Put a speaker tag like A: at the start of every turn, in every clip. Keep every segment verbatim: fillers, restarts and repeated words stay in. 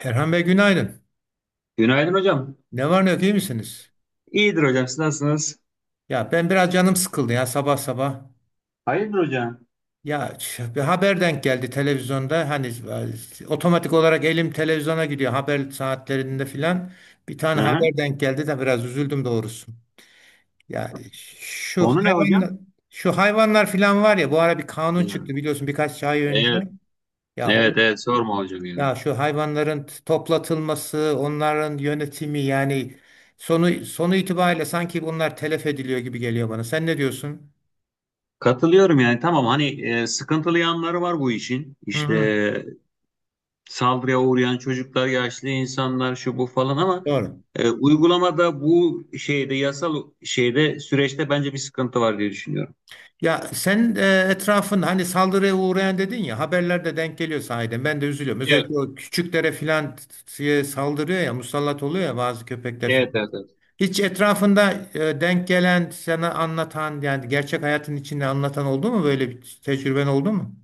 A: Erhan Bey günaydın.
B: Günaydın hocam.
A: Ne var ne yok iyi misiniz?
B: İyidir hocam. Siz nasılsınız?
A: Ya ben biraz canım sıkıldı ya sabah sabah.
B: Hayırdır hocam?
A: Ya ç- bir haber denk geldi televizyonda. Hani e, otomatik olarak elim televizyona gidiyor haber saatlerinde filan. Bir tane
B: Aha.
A: haber denk geldi de biraz üzüldüm doğrusu. Ya şu
B: Konu ne hocam?
A: hayvan şu hayvanlar filan var ya bu ara bir kanun çıktı
B: Diyorum.
A: biliyorsun birkaç ay önce.
B: Evet.
A: Ya
B: Evet
A: onu
B: evet sorma hocam ya.
A: Ya şu hayvanların t- toplatılması, onların yönetimi yani sonu sonu itibariyle sanki bunlar telef ediliyor gibi geliyor bana. Sen ne diyorsun?
B: Katılıyorum yani tamam hani e, sıkıntılı yanları var bu işin.
A: Hı hı.
B: İşte saldırıya uğrayan çocuklar, yaşlı insanlar şu bu falan ama
A: Doğru.
B: e, uygulamada bu şeyde yasal şeyde süreçte bence bir sıkıntı var diye düşünüyorum.
A: Ya sen e, etrafın hani saldırıya uğrayan dedin ya haberlerde denk geliyor sahiden. Ben de üzülüyorum.
B: Evet.
A: Özellikle o küçüklere filan e, saldırıyor ya musallat oluyor ya bazı köpekler filan.
B: Evet evet.
A: Hiç etrafında e, denk gelen sana anlatan yani gerçek hayatın içinde anlatan oldu mu böyle bir tecrüben oldu mu?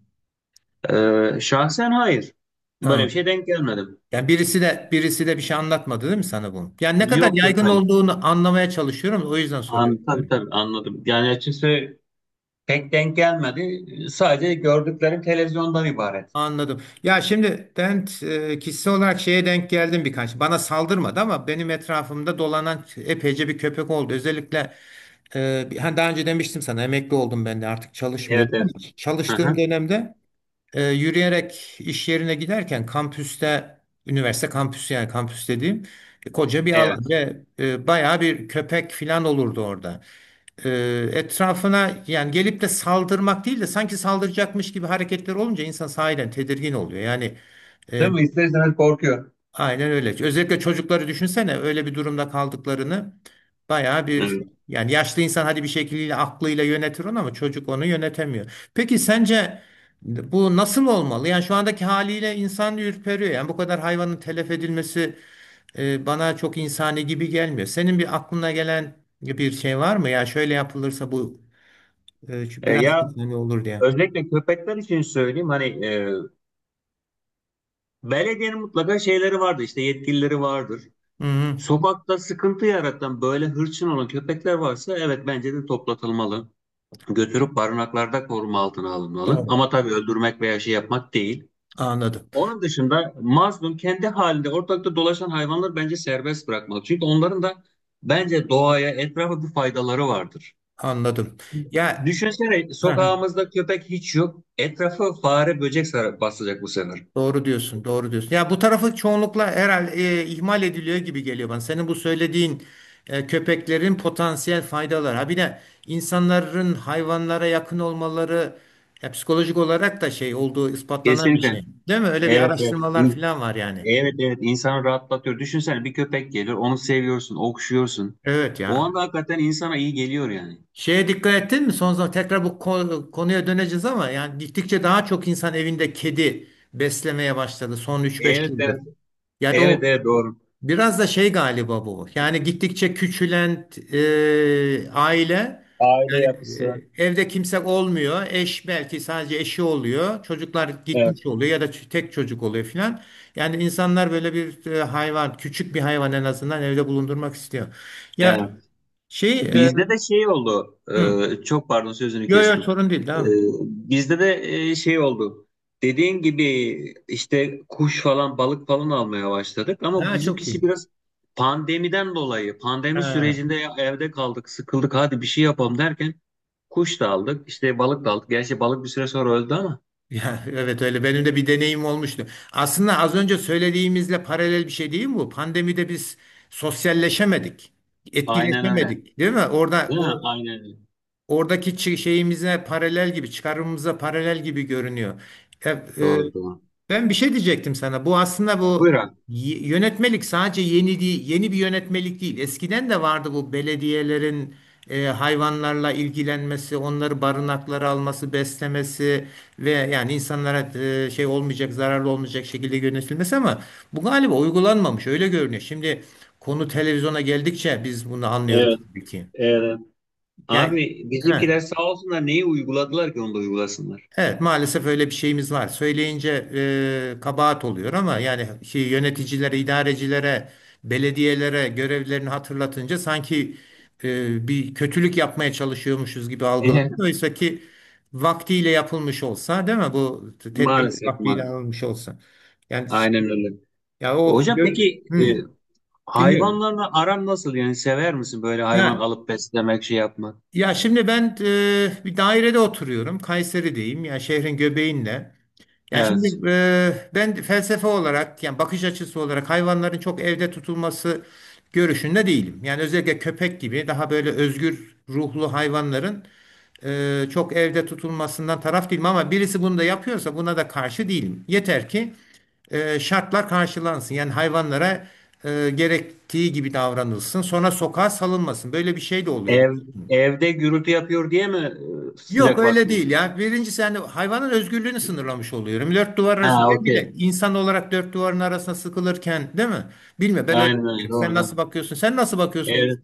B: evet. E, şahsen hayır. Böyle bir
A: Tamam.
B: şey denk gelmedim.
A: Yani birisi de birisi de bir şey anlatmadı değil mi sana bunu? Yani ne kadar
B: Yok yok
A: yaygın
B: hayır.
A: olduğunu anlamaya çalışıyorum. O yüzden soruyorum
B: An, tabii,
A: yani.
B: tabii anladım. Yani açıkçası pek denk gelmedi. Sadece gördüklerim televizyondan ibaret.
A: Anladım. Ya şimdi ben e, kişisel olarak şeye denk geldim birkaç. Bana saldırmadı ama benim etrafımda dolanan epeyce bir köpek oldu. Özellikle e, bir- hani daha önce demiştim sana emekli oldum ben de artık
B: Evet
A: çalışmıyorum ama
B: evet. Hı
A: çalıştığım
B: hı.
A: dönemde e, yürüyerek iş yerine giderken kampüste üniversite kampüsü yani kampüs dediğim e, koca bir alan
B: Evet.
A: ve e, bayağı bir köpek filan olurdu orada. e, Etrafına yani gelip de saldırmak değil de sanki saldıracakmış gibi hareketler olunca insan sahiden tedirgin oluyor. Yani
B: Değil
A: e,
B: mi? İster istemez korkuyor.
A: aynen öyle. Özellikle çocukları düşünsene öyle bir durumda kaldıklarını bayağı bir
B: Evet.
A: yani yaşlı insan hadi bir şekilde aklıyla yönetir onu ama çocuk onu yönetemiyor. Peki sence bu nasıl olmalı? Yani şu andaki haliyle insan ürperiyor. Yani bu kadar hayvanın telef edilmesi e, bana çok insani gibi gelmiyor. Senin bir aklına gelen bir şey var mı? Ya şöyle yapılırsa bu ee, şu
B: E,
A: biraz
B: ya
A: hani olur diye.
B: özellikle köpekler için söyleyeyim hani e, belediyenin mutlaka şeyleri vardır işte yetkilileri vardır.
A: Hı hı.
B: Sokakta sıkıntı yaratan böyle hırçın olan köpekler varsa evet bence de toplatılmalı. Götürüp barınaklarda koruma altına alınmalı.
A: Doğru.
B: Ama tabii öldürmek veya şey yapmak değil.
A: Anladım.
B: Onun dışında mazlum kendi halinde ortalıkta dolaşan hayvanlar bence serbest bırakmalı. Çünkü onların da bence doğaya, etrafa bir faydaları vardır.
A: Anladım. Ya,
B: Düşünsene
A: hı hı.
B: sokağımızda köpek hiç yok. Etrafı fare, böcek sarar, basacak bu sefer.
A: Doğru diyorsun. Doğru diyorsun. Ya bu tarafı çoğunlukla herhalde e, ihmal ediliyor gibi geliyor bana. Senin bu söylediğin e, köpeklerin potansiyel faydaları. Ha bir de insanların hayvanlara yakın olmaları ya psikolojik olarak da şey olduğu ispatlanan bir
B: Kesinlikle.
A: şey. Değil mi? Öyle bir
B: Evet evet.
A: araştırmalar
B: İn-
A: falan var yani.
B: Evet evet insanı rahatlatıyor. Düşünsene bir köpek gelir, onu seviyorsun, okşuyorsun.
A: Evet
B: O
A: ya.
B: anda hakikaten insana iyi geliyor yani.
A: Şeye dikkat ettin mi? Son zaman tekrar bu ko- konuya döneceğiz ama yani gittikçe daha çok insan evinde kedi beslemeye başladı son üç beş
B: Evet
A: yıldır.
B: evet.
A: Yani
B: Evet
A: o
B: evet doğru.
A: biraz da şey galiba bu. Yani gittikçe küçülen e, aile
B: Aile yapısı.
A: e, evde kimse olmuyor. Eş belki sadece eşi oluyor. Çocuklar gitmiş
B: Evet.
A: oluyor ya da ç- tek çocuk oluyor filan. Yani insanlar böyle bir e, hayvan, küçük bir hayvan en azından evde bulundurmak istiyor. Ya
B: Evet.
A: şey, e,
B: Bizde de şey oldu.
A: hı.
B: e, çok pardon sözünü
A: Yok yok,
B: kestim.
A: sorun değil,
B: E,
A: devam et.
B: Bizde de e, şey oldu. Dediğin gibi işte kuş falan balık falan almaya başladık ama
A: Ha, çok
B: bizimkisi
A: iyi.
B: biraz pandemiden dolayı pandemi
A: Ha.
B: sürecinde ya evde kaldık sıkıldık hadi bir şey yapalım derken kuş da aldık işte balık da aldık. Gerçi balık bir süre sonra öldü ama
A: Ya, evet öyle, benim de bir deneyim olmuştu. Aslında az önce söylediğimizle paralel bir şey değil mi bu? Pandemide biz sosyalleşemedik,
B: aynen öyle.
A: etkileşemedik, değil mi? Orada
B: Değil mi?
A: bu
B: Aynen öyle.
A: oradaki çi- şeyimize paralel gibi, çıkarımımıza paralel gibi görünüyor. E, e,
B: Doğru doğru.
A: Ben bir şey diyecektim sana. Bu aslında bu
B: Buyur abi.
A: y- yönetmelik sadece yeni değil, yeni bir yönetmelik değil. Eskiden de vardı bu belediyelerin e, hayvanlarla ilgilenmesi, onları barınaklara alması, beslemesi ve yani insanlara e, şey olmayacak, zararlı olmayacak şekilde yönetilmesi ama bu galiba uygulanmamış. Öyle görünüyor. Şimdi konu televizyona geldikçe biz bunu anlıyoruz
B: Evet,
A: tabii ki.
B: evet.
A: Yani,
B: Abi bizimkiler
A: he.
B: sağ olsunlar neyi uyguladılar ki onu da uygulasınlar.
A: Evet, maalesef öyle bir şeyimiz var. Söyleyince e, kabahat oluyor ama yani şey, yöneticilere, idarecilere, belediyelere görevlerini hatırlatınca sanki e, bir kötülük yapmaya çalışıyormuşuz gibi algılanıyor. Oysa ki vaktiyle yapılmış olsa, değil mi? Bu tedbir
B: Maalesef
A: vaktiyle
B: maalesef.
A: alınmış olsa. Yani, şimdi-
B: Aynen öyle.
A: ya o
B: Hocam
A: gör,
B: peki e,
A: hı, dinliyorum.
B: hayvanlarla aran nasıl? Yani sever misin böyle hayvan
A: Ya
B: alıp beslemek, şey yapmak?
A: ya şimdi ben e, bir dairede oturuyorum. Kayseri'deyim. Ya şehrin göbeğinde. Yani şimdi
B: Evet.
A: e, ben felsefe olarak yani bakış açısı olarak hayvanların çok evde tutulması görüşünde değilim. Yani özellikle köpek gibi daha böyle özgür ruhlu hayvanların e, çok evde tutulmasından taraf değilim ama birisi bunu da yapıyorsa buna da karşı değilim. Yeter ki e, şartlar karşılansın. Yani hayvanlara e, gerektiği gibi davranılsın. Sonra sokağa salınmasın. Böyle bir şey de oluyor.
B: Ev evde gürültü yapıyor diye mi e,
A: Yok,
B: sıcak
A: öyle değil
B: bakmıyorsun?
A: ya. Birincisi yani hayvanın özgürlüğünü sınırlamış oluyorum. Dört duvar
B: Ha
A: arasında ben
B: okey.
A: bile insan olarak dört duvarın arasına sıkılırken değil mi? Bilmiyorum, ben öyle
B: Aynen öyle.
A: bakıyorum. Sen nasıl
B: Doğru.
A: bakıyorsun? Sen nasıl bakıyorsun? bu-
B: doğru.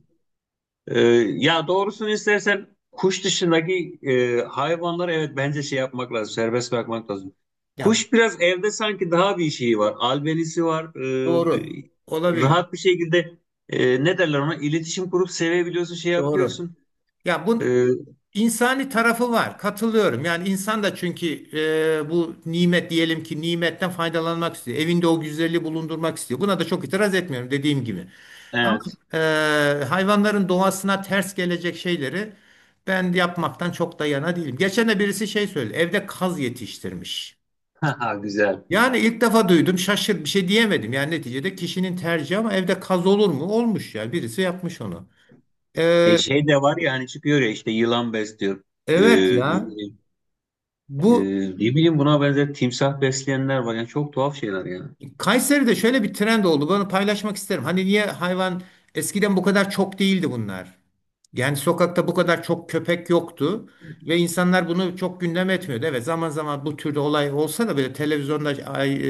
B: Ee, Ya doğrusunu istersen kuş dışındaki e, hayvanları evet bence şey yapmak lazım, serbest bırakmak lazım.
A: Ya
B: Kuş biraz evde sanki daha bir şeyi var, albenisi var.
A: doğru.
B: e,
A: Olabilir.
B: rahat bir şekilde e, ne derler ona iletişim kurup sevebiliyorsun, şey
A: Doğru.
B: yapıyorsun.
A: Ya bu
B: E,
A: insani tarafı var. Katılıyorum. Yani insan da çünkü e, bu nimet diyelim ki nimetten faydalanmak istiyor. Evinde o güzelliği bulundurmak istiyor. Buna da çok itiraz etmiyorum dediğim gibi. Ama
B: evet,
A: e, hayvanların doğasına ters gelecek şeyleri ben yapmaktan çok da yana değilim. Geçen de birisi şey söyledi. Evde kaz yetiştirmiş.
B: haha, güzel.
A: Yani ilk defa duydum, şaşır bir şey diyemedim. Yani neticede kişinin tercihi ama evde kaz olur mu? Olmuş ya. Birisi yapmış onu.
B: E,
A: E,
B: şey de var ya hani çıkıyor ya işte yılan besliyor. E,
A: evet
B: ne
A: ya.
B: bileyim e,
A: Bu
B: ne bileyim buna benzer timsah besleyenler var. Yani çok tuhaf şeyler yani.
A: Kayseri'de şöyle bir trend oldu. Bunu paylaşmak isterim. Hani niye hayvan eskiden bu kadar çok değildi bunlar? Yani sokakta bu kadar çok köpek yoktu ve insanlar bunu çok gündem etmiyordu. Evet, zaman zaman bu türde olay olsa da böyle televizyonda ay,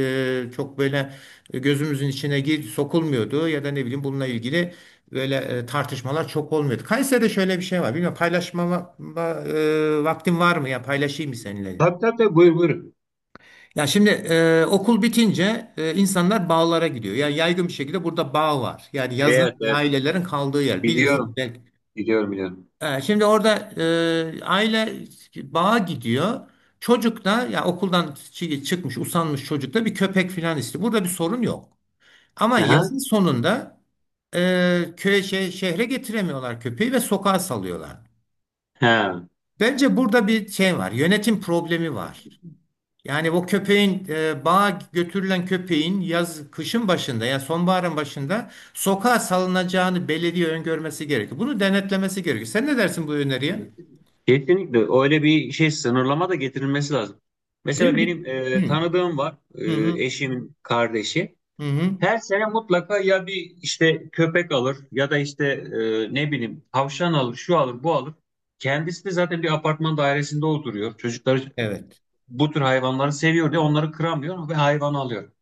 A: e, çok böyle gözümüzün içine gir, sokulmuyordu ya da ne bileyim bununla ilgili böyle e, tartışmalar çok olmuyordu. Kayseri'de şöyle bir şey var. Bilmiyorum, paylaşma va- va- e, vaktin var mı ya, paylaşayım mı seninle?
B: Tabii tabii tabii buyur buyur.
A: Ya şimdi e, okul bitince e, insanlar bağlara gidiyor. Yani yaygın bir şekilde burada bağ var. Yani yazın
B: Evet, evet
A: ailelerin kaldığı yer, bilirsin
B: biliyorum.
A: belki.
B: Biliyorum biliyorum.
A: E, şimdi orada e, aile bağa gidiyor. Çocuk da ya okuldan çı- çıkmış usanmış, çocuk da bir köpek falan istiyor. Burada bir sorun yok. Ama
B: Aha.
A: yazın sonunda e, köye şe- şehre getiremiyorlar köpeği ve sokağa salıyorlar.
B: Ha.
A: Bence burada bir şey var. Yönetim problemi var. Yani o köpeğin e, bağa götürülen köpeğin yaz kışın başında ya sonbaharın başında sokağa salınacağını belediye öngörmesi gerekiyor. Bunu denetlemesi gerekiyor. Sen ne dersin bu öneriye?
B: Kesinlikle öyle bir şey sınırlama da getirilmesi lazım.
A: Değil
B: Mesela
A: mi?
B: benim e,
A: Hı
B: tanıdığım var e,
A: hı hı.
B: eşimin kardeşi.
A: Hı hı.
B: Her sene mutlaka ya bir işte köpek alır ya da işte e, ne bileyim tavşan alır, şu alır, bu alır. Kendisi de zaten bir apartman dairesinde oturuyor. Çocukları
A: Evet.
B: bu tür hayvanları seviyor diye onları kıramıyor ve hayvan alıyor.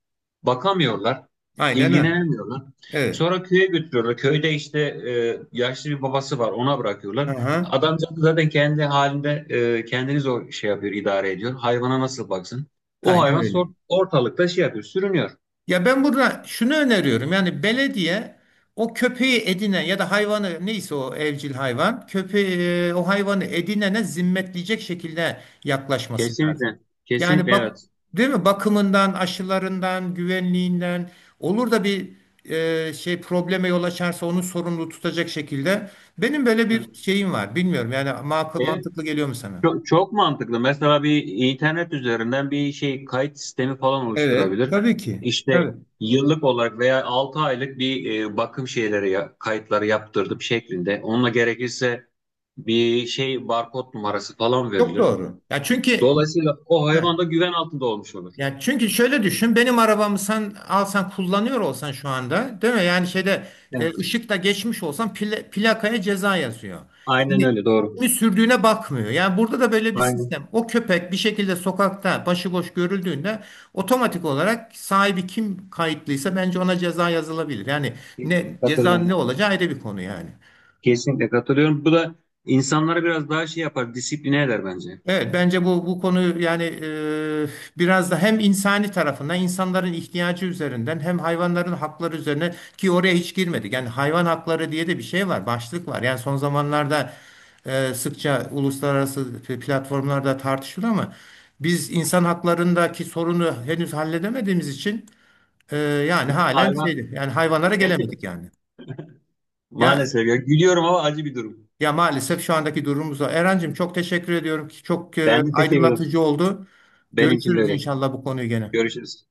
B: Bakamıyorlar,
A: Aynen öyle.
B: ilgilenemiyorlar.
A: Evet.
B: Sonra köye götürüyorlar. Köyde işte e, yaşlı bir babası var, ona bırakıyorlar.
A: Aha.
B: Adamcağız zaten kendi halinde e, kendini zor şey yapıyor, idare ediyor. Hayvana nasıl baksın? O
A: Aynen
B: hayvan
A: öyle.
B: sor- ortalıkta şey yapıyor, sürünüyor.
A: Ya ben burada şunu öneriyorum. Yani belediye o köpeği edinen ya da hayvanı neyse o evcil hayvan köpeği e, o hayvanı edinene zimmetleyecek şekilde yaklaşması lazım.
B: Kesinlikle,
A: Yani
B: kesinlikle evet.
A: bak, değil mi? Bakımından, aşılarından, güvenliğinden olur da bir e, şey probleme yol açarsa onu sorumlu tutacak şekilde. Benim böyle bir şeyim var. Bilmiyorum yani, makul,
B: Evet,
A: mantıklı geliyor mu sana?
B: Çok, çok mantıklı. Mesela bir internet üzerinden bir şey kayıt sistemi falan
A: Evet,
B: oluşturabilir.
A: tabii ki.
B: İşte
A: Tabii.
B: yıllık olarak veya altı aylık bir e, bakım şeyleri ya- kayıtları yaptırdım şeklinde. Onunla gerekirse bir şey barkod numarası falan
A: Çok
B: verilir.
A: doğru. Ya çünkü.
B: Dolayısıyla o hayvan
A: He.
B: da güven altında olmuş olur.
A: Yani çünkü şöyle düşün, benim arabamı sen alsan, kullanıyor olsan şu anda, değil mi? Yani şeyde e,
B: Evet.
A: ışıkta geçmiş olsan pla- plakaya ceza yazıyor.
B: Aynen
A: Yani
B: öyle doğru.
A: kimi sürdüğüne bakmıyor. Yani burada da böyle bir
B: Aynen.
A: sistem. O köpek bir şekilde sokakta başıboş görüldüğünde otomatik olarak sahibi kim kayıtlıysa bence ona ceza yazılabilir. Yani ne
B: Kesinlikle
A: ceza, ne
B: katılıyorum.
A: olacağı ayrı bir konu yani.
B: Kesinlikle katılıyorum. Bu da insanlara biraz daha şey yapar, disipline eder bence.
A: Evet, bence bu bu konu yani e, biraz da hem insani tarafından, insanların ihtiyacı üzerinden, hem hayvanların hakları üzerine ki oraya hiç girmedik. Yani hayvan hakları diye de bir şey var, başlık var. Yani son zamanlarda e, sıkça uluslararası platformlarda tartışılıyor ama biz insan haklarındaki sorunu henüz halledemediğimiz için e, yani
B: Değil mi?
A: halen
B: Hayvan
A: şeydi yani hayvanlara gelemedik yani. Ya
B: maalesef ya. Gülüyorum ama acı bir durum.
A: ya maalesef şu andaki durumumuz o. Erencim, çok teşekkür ediyorum ki çok e,
B: Ben de teşekkür ederim.
A: aydınlatıcı oldu.
B: Benim için de
A: Görüşürüz
B: öyle.
A: inşallah bu konuyu gene.
B: Görüşürüz.